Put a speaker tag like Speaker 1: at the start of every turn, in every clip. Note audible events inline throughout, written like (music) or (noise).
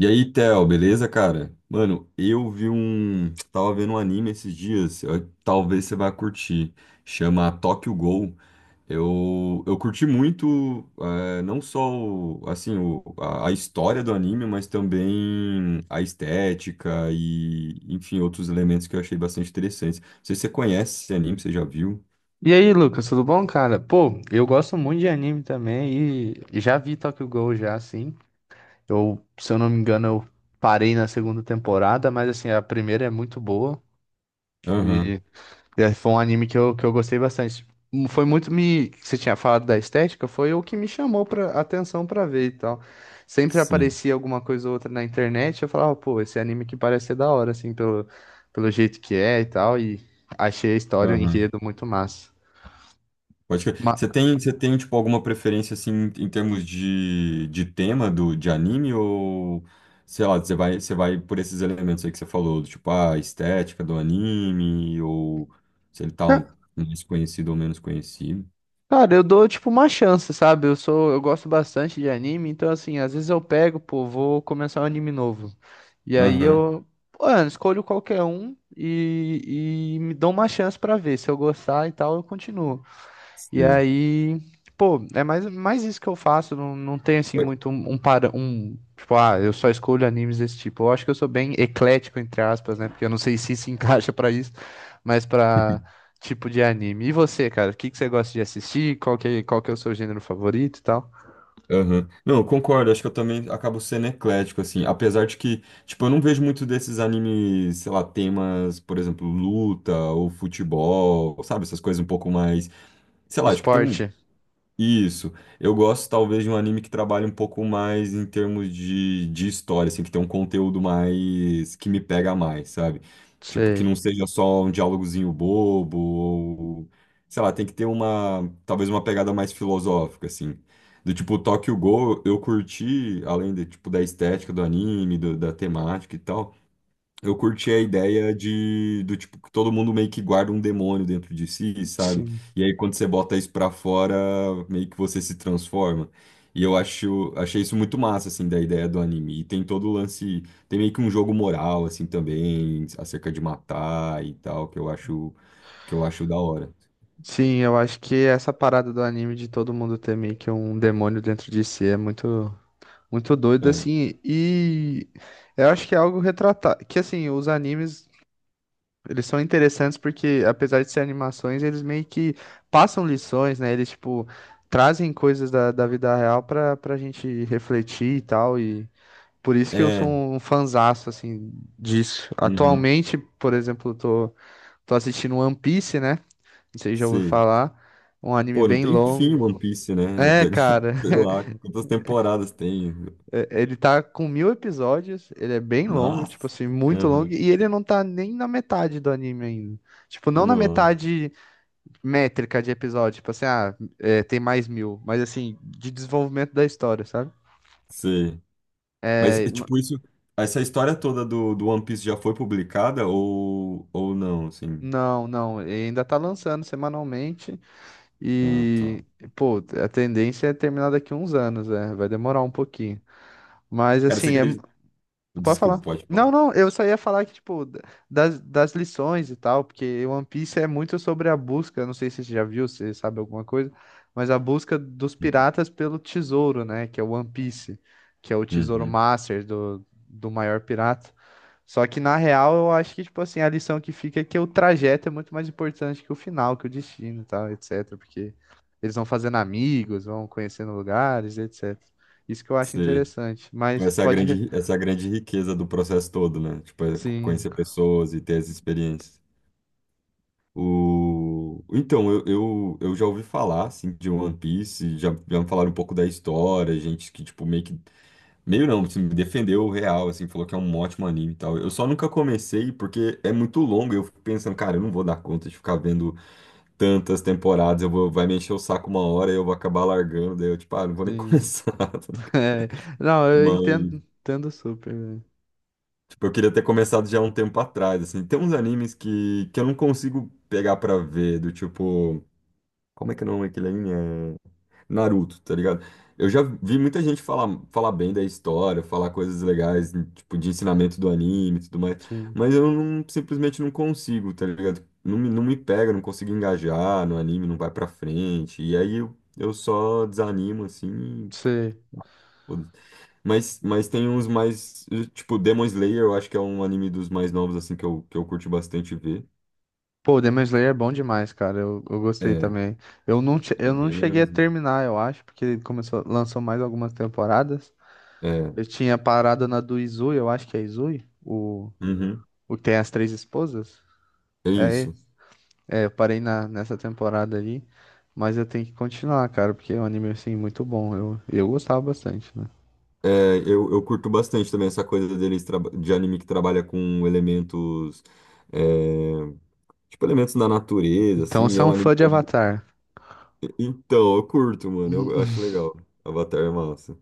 Speaker 1: E aí, Theo, beleza, cara? Mano, eu vi um. Tava vendo um anime esses dias, talvez você vá curtir. Chama Tokyo Ghoul. Eu curti muito, não só assim, a história do anime, mas também a estética e, enfim, outros elementos que eu achei bastante interessantes. Não sei se você conhece esse anime, você já viu?
Speaker 2: E aí, Lucas, tudo bom, cara? Pô, eu gosto muito de anime também e já vi Tokyo Ghoul já, assim. Se eu não me engano, eu parei na segunda temporada, mas assim, a primeira é muito boa e
Speaker 1: Aham,
Speaker 2: foi um anime que eu gostei bastante. Você tinha falado da estética, foi o que me chamou pra atenção pra ver e tal. Sempre
Speaker 1: sim.
Speaker 2: aparecia alguma coisa ou outra na internet, eu falava, pô, esse anime que parece ser da hora, assim, pelo jeito que é e tal, e achei a história, o
Speaker 1: Aham.
Speaker 2: enredo muito massa.
Speaker 1: Pode crer.
Speaker 2: Ma-
Speaker 1: Você tem, tipo, alguma preferência, assim, em termos de tema do, de anime ou, sei lá, você vai por esses elementos aí que você falou, do tipo, ah, a estética do anime ou se mais conhecido ou menos conhecido.
Speaker 2: Cara, eu dou tipo uma chance, sabe? Eu gosto bastante de anime, então assim, às vezes eu pego, pô, vou começar um anime novo. E aí
Speaker 1: Aham.
Speaker 2: eu, pô, eu escolho qualquer um e me dou uma chance pra ver. Se eu gostar e tal, eu continuo. E
Speaker 1: Sei.
Speaker 2: aí, pô, é mais isso que eu faço. Não tem assim muito um para um. Tipo, ah, eu só escolho animes desse tipo. Eu acho que eu sou bem eclético, entre aspas, né? Porque eu não sei se (laughs) encaixa pra isso, mas pra
Speaker 1: (laughs)
Speaker 2: tipo de anime. E você, cara? O que você gosta de assistir? Qual que é o seu gênero favorito e tal?
Speaker 1: Aham. Não, eu concordo, acho que eu também acabo sendo eclético, assim, apesar de que, tipo, eu não vejo muito desses animes, sei lá, temas, por exemplo, luta ou futebol, sabe, essas coisas um pouco mais, sei lá, acho que tem um
Speaker 2: Esporte?
Speaker 1: Isso. Eu gosto talvez de um anime que trabalhe um pouco mais em termos de história, assim, que tem um conteúdo mais que me pega mais, sabe? Tipo, que
Speaker 2: Sei.
Speaker 1: não seja só um diálogozinho bobo, ou, sei lá, tem que ter uma, talvez uma pegada mais filosófica, assim. Do tipo, Tokyo Ghoul, eu curti, além de, tipo, da estética do anime, da temática e tal. Eu curti a ideia de do tipo que todo mundo meio que guarda um demônio dentro de si, sabe?
Speaker 2: Sim.
Speaker 1: E aí quando você bota isso pra fora, meio que você se transforma. E achei isso muito massa assim da ideia do anime. E tem todo o lance, tem meio que um jogo moral assim também, acerca de matar e tal, que eu acho da hora.
Speaker 2: Sim, eu acho que essa parada do anime de todo mundo ter meio que um demônio dentro de si é muito. Muito doido, assim, e eu acho que é algo retratado, que assim, os animes, eles são interessantes porque, apesar de ser animações, eles meio que passam lições, né, eles, tipo, trazem coisas da vida real pra gente refletir e tal, e por isso que eu
Speaker 1: É.
Speaker 2: sou
Speaker 1: É.
Speaker 2: um fanzaço, assim, disso.
Speaker 1: Uhum.
Speaker 2: Atualmente, por exemplo, eu tô assistindo One Piece, né, não sei se já ouviu
Speaker 1: Sim.
Speaker 2: falar, um anime
Speaker 1: Pô, não
Speaker 2: bem
Speaker 1: tem fim
Speaker 2: longo,
Speaker 1: One Piece, né?
Speaker 2: é, cara.
Speaker 1: (laughs) Sei lá,
Speaker 2: (laughs)
Speaker 1: quantas temporadas tem?
Speaker 2: É, ele tá com 1000 episódios, ele é bem longo, tipo
Speaker 1: Nossa.
Speaker 2: assim, muito longo,
Speaker 1: Uhum.
Speaker 2: e ele não tá nem na metade do anime ainda. Tipo, não na
Speaker 1: Nossa.
Speaker 2: metade métrica de episódio, tipo assim, ah, é, tem mais mil, mas assim, de desenvolvimento da história, sabe?
Speaker 1: Sim. Mas,
Speaker 2: É,
Speaker 1: e, tipo, isso, essa história toda do, do One Piece já foi publicada ou não, assim?
Speaker 2: não, ele ainda tá lançando semanalmente
Speaker 1: Ah, tá.
Speaker 2: e, pô, a tendência é terminar daqui uns anos, é, vai demorar um pouquinho. Mas
Speaker 1: Cara, você
Speaker 2: assim, é,
Speaker 1: acredita?
Speaker 2: pode
Speaker 1: Desculpa,
Speaker 2: falar.
Speaker 1: pode falar.
Speaker 2: Não, não, eu só ia falar que, tipo, das lições e tal, porque One Piece é muito sobre a busca, não sei se você já viu, se sabe alguma coisa, mas a busca dos
Speaker 1: Uhum.
Speaker 2: piratas pelo tesouro, né, que é o One Piece, que é o tesouro
Speaker 1: Uhum.
Speaker 2: master do, do maior pirata. Só que, na real, eu acho que, tipo assim, a lição que fica é que o trajeto é muito mais importante que o final, que o destino e tal, etc, porque eles vão fazendo amigos, vão conhecendo lugares, etc. Isso que eu acho
Speaker 1: Sei.
Speaker 2: interessante,
Speaker 1: Tipo,
Speaker 2: mas
Speaker 1: essa é a grande, essa é a grande riqueza do processo todo, né? Tipo, é
Speaker 2: sim.
Speaker 1: conhecer pessoas e ter as experiências. O... Então, eu já ouvi falar, assim, de One Piece, já, já me falaram um pouco da história, gente que, tipo, meio que Meio não, assim, me defendeu real, assim, falou que é um ótimo anime e tal. Eu só nunca comecei porque é muito longo. Eu fico pensando, cara, eu não vou dar conta de ficar vendo tantas temporadas. Eu vou, vai me encher o saco uma hora e eu vou acabar largando. Daí eu, tipo, ah, não vou nem (laughs)
Speaker 2: Sim.
Speaker 1: começar. Tá ligado?
Speaker 2: (laughs) É. Não, eu
Speaker 1: Mas,
Speaker 2: entendo, entendo super, velho.
Speaker 1: tipo, eu queria ter começado já há um tempo atrás, assim. Tem uns animes que eu não consigo pegar pra ver, do tipo. Como é que é o nome daquele anime? É Naruto, tá ligado? Eu já vi muita gente falar, falar bem da história, falar coisas legais, tipo, de ensinamento do anime e tudo mais,
Speaker 2: Sim.
Speaker 1: mas eu não- simplesmente não consigo, tá ligado? Não me pega, não consigo engajar no anime, não vai pra frente, e aí eu só desanimo, assim, e
Speaker 2: Você...
Speaker 1: foda-se. Mas tem uns mais, tipo, Demon Slayer, eu acho que é um anime dos mais novos, assim, que eu curti bastante ver,
Speaker 2: Pô, Demon Slayer é bom demais, cara. Eu
Speaker 1: é,
Speaker 2: gostei
Speaker 1: é
Speaker 2: também. Eu não
Speaker 1: bem
Speaker 2: cheguei a
Speaker 1: legalzinho.
Speaker 2: terminar, eu acho, porque ele começou, lançou mais algumas temporadas.
Speaker 1: É,
Speaker 2: Eu tinha parado na do Izui, eu acho que é Izui,
Speaker 1: uhum,
Speaker 2: o que tem as três esposas.
Speaker 1: é
Speaker 2: É, ele.
Speaker 1: isso.
Speaker 2: É, eu parei na, nessa temporada ali. Mas eu tenho que continuar, cara, porque é um anime, assim, muito bom. Eu gostava bastante, né?
Speaker 1: É, eu curto bastante também essa coisa deles de anime que trabalha com elementos, é, tipo elementos da natureza,
Speaker 2: Então,
Speaker 1: assim, e
Speaker 2: você
Speaker 1: é
Speaker 2: é
Speaker 1: um
Speaker 2: um fã
Speaker 1: anime
Speaker 2: de
Speaker 1: também.
Speaker 2: Avatar.
Speaker 1: Então, eu curto, mano, eu acho
Speaker 2: (laughs)
Speaker 1: legal. Avatar é massa,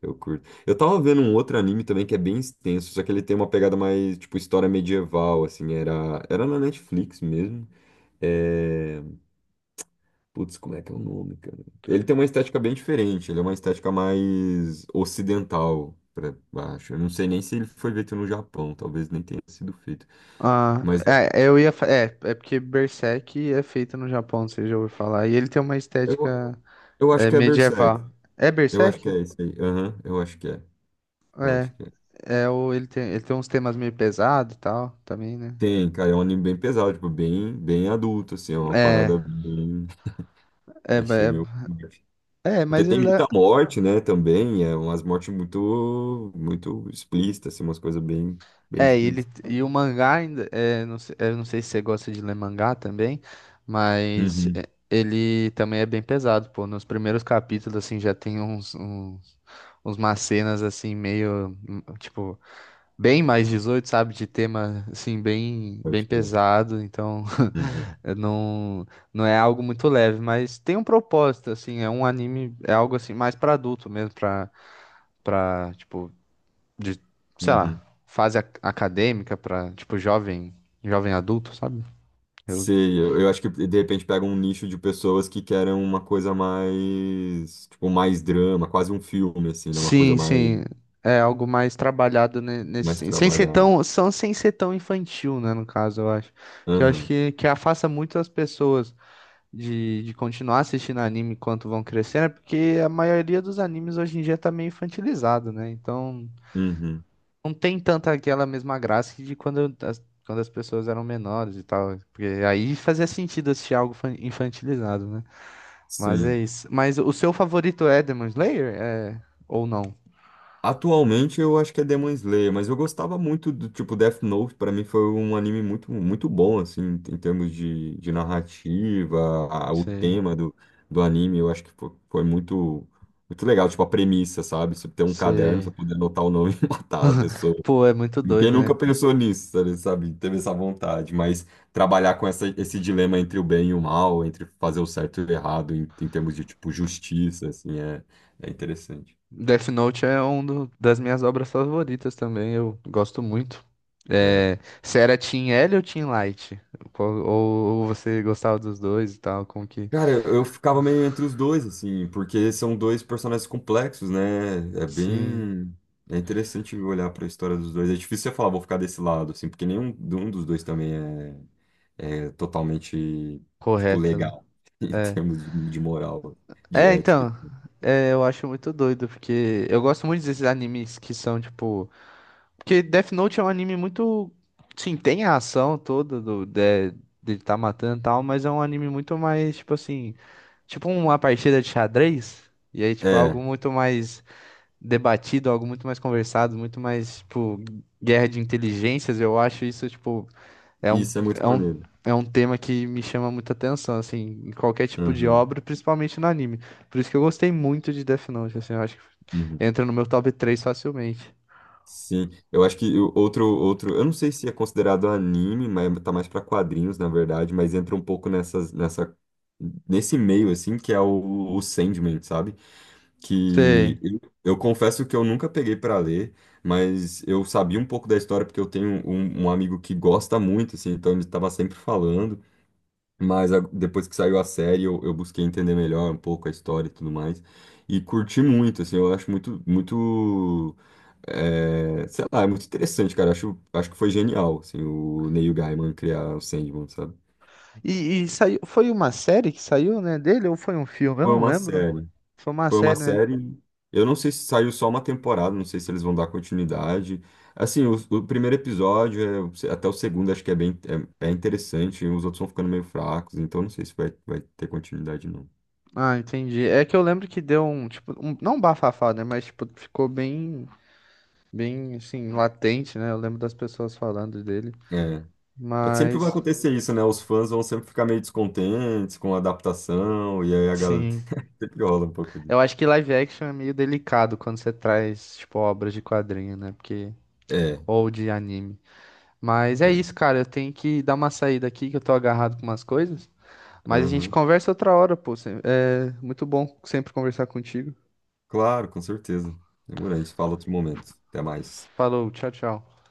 Speaker 1: eu curto. Eu tava vendo um outro anime também que é bem extenso, só que ele tem uma pegada mais, tipo, história medieval, assim, era na Netflix mesmo. É, putz, como é que é o nome, cara? Ele tem uma estética bem diferente, ele é uma estética mais ocidental, pra baixo. Eu não sei nem se ele foi feito no Japão, talvez nem tenha sido feito.
Speaker 2: Ah,
Speaker 1: Mas é-
Speaker 2: é, é, é porque Berserk é feito no Japão, você já ouviu falar. E ele tem uma
Speaker 1: eu,
Speaker 2: estética
Speaker 1: eu acho
Speaker 2: é,
Speaker 1: que é Berserk.
Speaker 2: medieval. É
Speaker 1: Eu acho que
Speaker 2: Berserk?
Speaker 1: é esse aí. Aham, eu acho que é. Eu
Speaker 2: É.
Speaker 1: acho que é.
Speaker 2: É, ele tem uns temas meio pesados e tal, também, né?
Speaker 1: Tem, cara, é um anime bem pesado, tipo, bem, bem adulto, assim, é uma
Speaker 2: É,
Speaker 1: parada bem. (laughs)
Speaker 2: é, ba-
Speaker 1: Achei
Speaker 2: é,
Speaker 1: meio forte. Porque
Speaker 2: mas
Speaker 1: tem
Speaker 2: ele é.
Speaker 1: muita morte, né, também, é umas mortes muito, muito explícitas, assim, umas coisas bem, bem
Speaker 2: É, ele,
Speaker 1: explícitas.
Speaker 2: e o mangá ainda. É, não, eu não sei se você gosta de ler mangá também, mas
Speaker 1: Uhum,
Speaker 2: é, ele também é bem pesado, pô. Nos primeiros capítulos, assim, já tem uns, umas cenas, assim, meio. Tipo. Bem mais 18, sabe? De tema assim bem
Speaker 1: pode crer.
Speaker 2: pesado, então
Speaker 1: Uhum.
Speaker 2: (laughs) eu não, não é algo muito leve, mas tem um propósito assim, é um anime, é algo assim mais para adulto mesmo, para para tipo de, sei lá,
Speaker 1: Uhum.
Speaker 2: fase acadêmica, para tipo jovem, jovem adulto, sabe? Eu
Speaker 1: Sim, eu acho que de repente pega um nicho de pessoas que querem uma coisa mais, tipo, mais drama, quase um filme, assim, né? Uma coisa
Speaker 2: sim,
Speaker 1: mais,
Speaker 2: sim. É algo mais trabalhado
Speaker 1: mais
Speaker 2: sem ser
Speaker 1: trabalhada.
Speaker 2: tão, são sem ser tão infantil, né, no caso, eu acho. Que eu acho
Speaker 1: Aham,
Speaker 2: que afasta muito as pessoas de continuar assistindo anime enquanto vão crescendo, é porque a maioria dos animes hoje em dia tá meio infantilizado, né? Então
Speaker 1: uhum,
Speaker 2: não tem tanta aquela mesma graça que de quando quando as pessoas eram menores e tal. Porque aí fazia sentido assistir algo infantilizado, né? Mas é
Speaker 1: sim.
Speaker 2: isso. Mas o seu favorito é Demon Slayer? É... Ou não?
Speaker 1: Atualmente eu acho que é Demon Slayer, mas eu gostava muito do tipo Death Note, pra mim foi um anime muito, muito bom, assim, em em termos de narrativa, o
Speaker 2: Sei,
Speaker 1: tema do, do anime, eu acho que foi, foi muito, muito legal, tipo, a premissa, sabe? Você ter um caderno, você
Speaker 2: sei.
Speaker 1: poder anotar o nome (laughs) e matar a pessoa.
Speaker 2: Pô, é muito
Speaker 1: Quem
Speaker 2: doido,
Speaker 1: nunca
Speaker 2: né?
Speaker 1: pensou nisso, sabe? Sabe? Teve essa vontade, mas trabalhar com essa, esse dilema entre o bem e o mal, entre fazer o certo e o errado, em, em termos de, tipo, justiça, assim, é, é interessante.
Speaker 2: Death Note é uma das minhas obras favoritas também, eu gosto muito.
Speaker 1: É.
Speaker 2: É, você era Team L ou Team Light? Ou você gostava dos dois e tal, como que...
Speaker 1: Cara, eu ficava meio entre os dois, assim, porque são dois personagens complexos, né? É
Speaker 2: Sim,
Speaker 1: bem... É interessante olhar para a história dos dois. É difícil você falar, vou ficar desse lado, assim, porque nenhum um dos dois também é, é totalmente, tipo,
Speaker 2: correto, né?
Speaker 1: legal, (laughs) em
Speaker 2: É,
Speaker 1: termos de moral, de
Speaker 2: é
Speaker 1: ética.
Speaker 2: então, é, eu acho muito doido, porque eu gosto muito desses animes que são, tipo, porque Death Note é um anime muito. Sim, tem a ação toda do, de tá matando e tal, mas é um anime muito mais, tipo assim. Tipo uma partida de xadrez. E aí, tipo,
Speaker 1: É,
Speaker 2: algo muito mais debatido, algo muito mais conversado, muito mais, tipo, guerra de inteligências. Eu acho isso, tipo, é um,
Speaker 1: isso é muito
Speaker 2: é um,
Speaker 1: maneiro.
Speaker 2: é um tema que me chama muita atenção, assim, em qualquer tipo de
Speaker 1: Uhum,
Speaker 2: obra, principalmente no anime. Por isso que eu gostei muito de Death Note, assim, eu acho que
Speaker 1: uhum.
Speaker 2: entra no meu top 3 facilmente.
Speaker 1: Sim, eu acho que o outro, outro, eu não sei se é considerado anime, mas tá mais para quadrinhos, na verdade, mas entra um pouco nessas, nessa, nesse meio, assim, que é o Sandman, sabe?
Speaker 2: Sei.
Speaker 1: Que eu confesso que eu nunca peguei para ler, mas eu sabia um pouco da história porque eu tenho um, um amigo que gosta muito, assim, então ele estava sempre falando. Depois que saiu a série, eu busquei entender melhor um pouco a história e tudo mais. E curti muito, assim, eu acho muito, muito, é, sei lá, é muito interessante, cara. Acho, acho que foi genial, assim, o Neil Gaiman criar o Sandman, sabe?
Speaker 2: E saiu, foi uma série que saiu, né, dele ou foi um filme? Eu
Speaker 1: Foi
Speaker 2: não
Speaker 1: uma
Speaker 2: lembro.
Speaker 1: série,
Speaker 2: Foi uma
Speaker 1: foi uma
Speaker 2: série, né?
Speaker 1: série. Eu não sei se saiu só uma temporada, não sei se eles vão dar continuidade. Assim, o primeiro episódio, é, até o segundo, acho que é bem, é, é interessante, e os outros vão ficando meio fracos, então não sei se vai, vai ter continuidade, não.
Speaker 2: Ah, entendi. É que eu lembro que deu um, tipo, um, não um bafafá, né, mas tipo, ficou bem, bem assim, latente, né? Eu lembro das pessoas falando dele.
Speaker 1: É. É que sempre vai
Speaker 2: Mas
Speaker 1: acontecer isso, né? Os fãs vão sempre ficar meio descontentes com a adaptação, e aí a galera
Speaker 2: sim,
Speaker 1: (laughs) sempre rola um pouco disso.
Speaker 2: eu acho que live action é meio delicado quando você traz, tipo, obras de quadrinho, né? Porque
Speaker 1: É,
Speaker 2: ou de anime. Mas é
Speaker 1: é.
Speaker 2: isso, cara, eu tenho que dar uma saída aqui que eu tô agarrado com umas coisas. Mas a gente
Speaker 1: Aham.
Speaker 2: conversa outra hora, pô. É muito bom sempre conversar contigo.
Speaker 1: Claro, com certeza. Demorou, a gente fala outro momento. Até mais.
Speaker 2: Falou, tchau, tchau.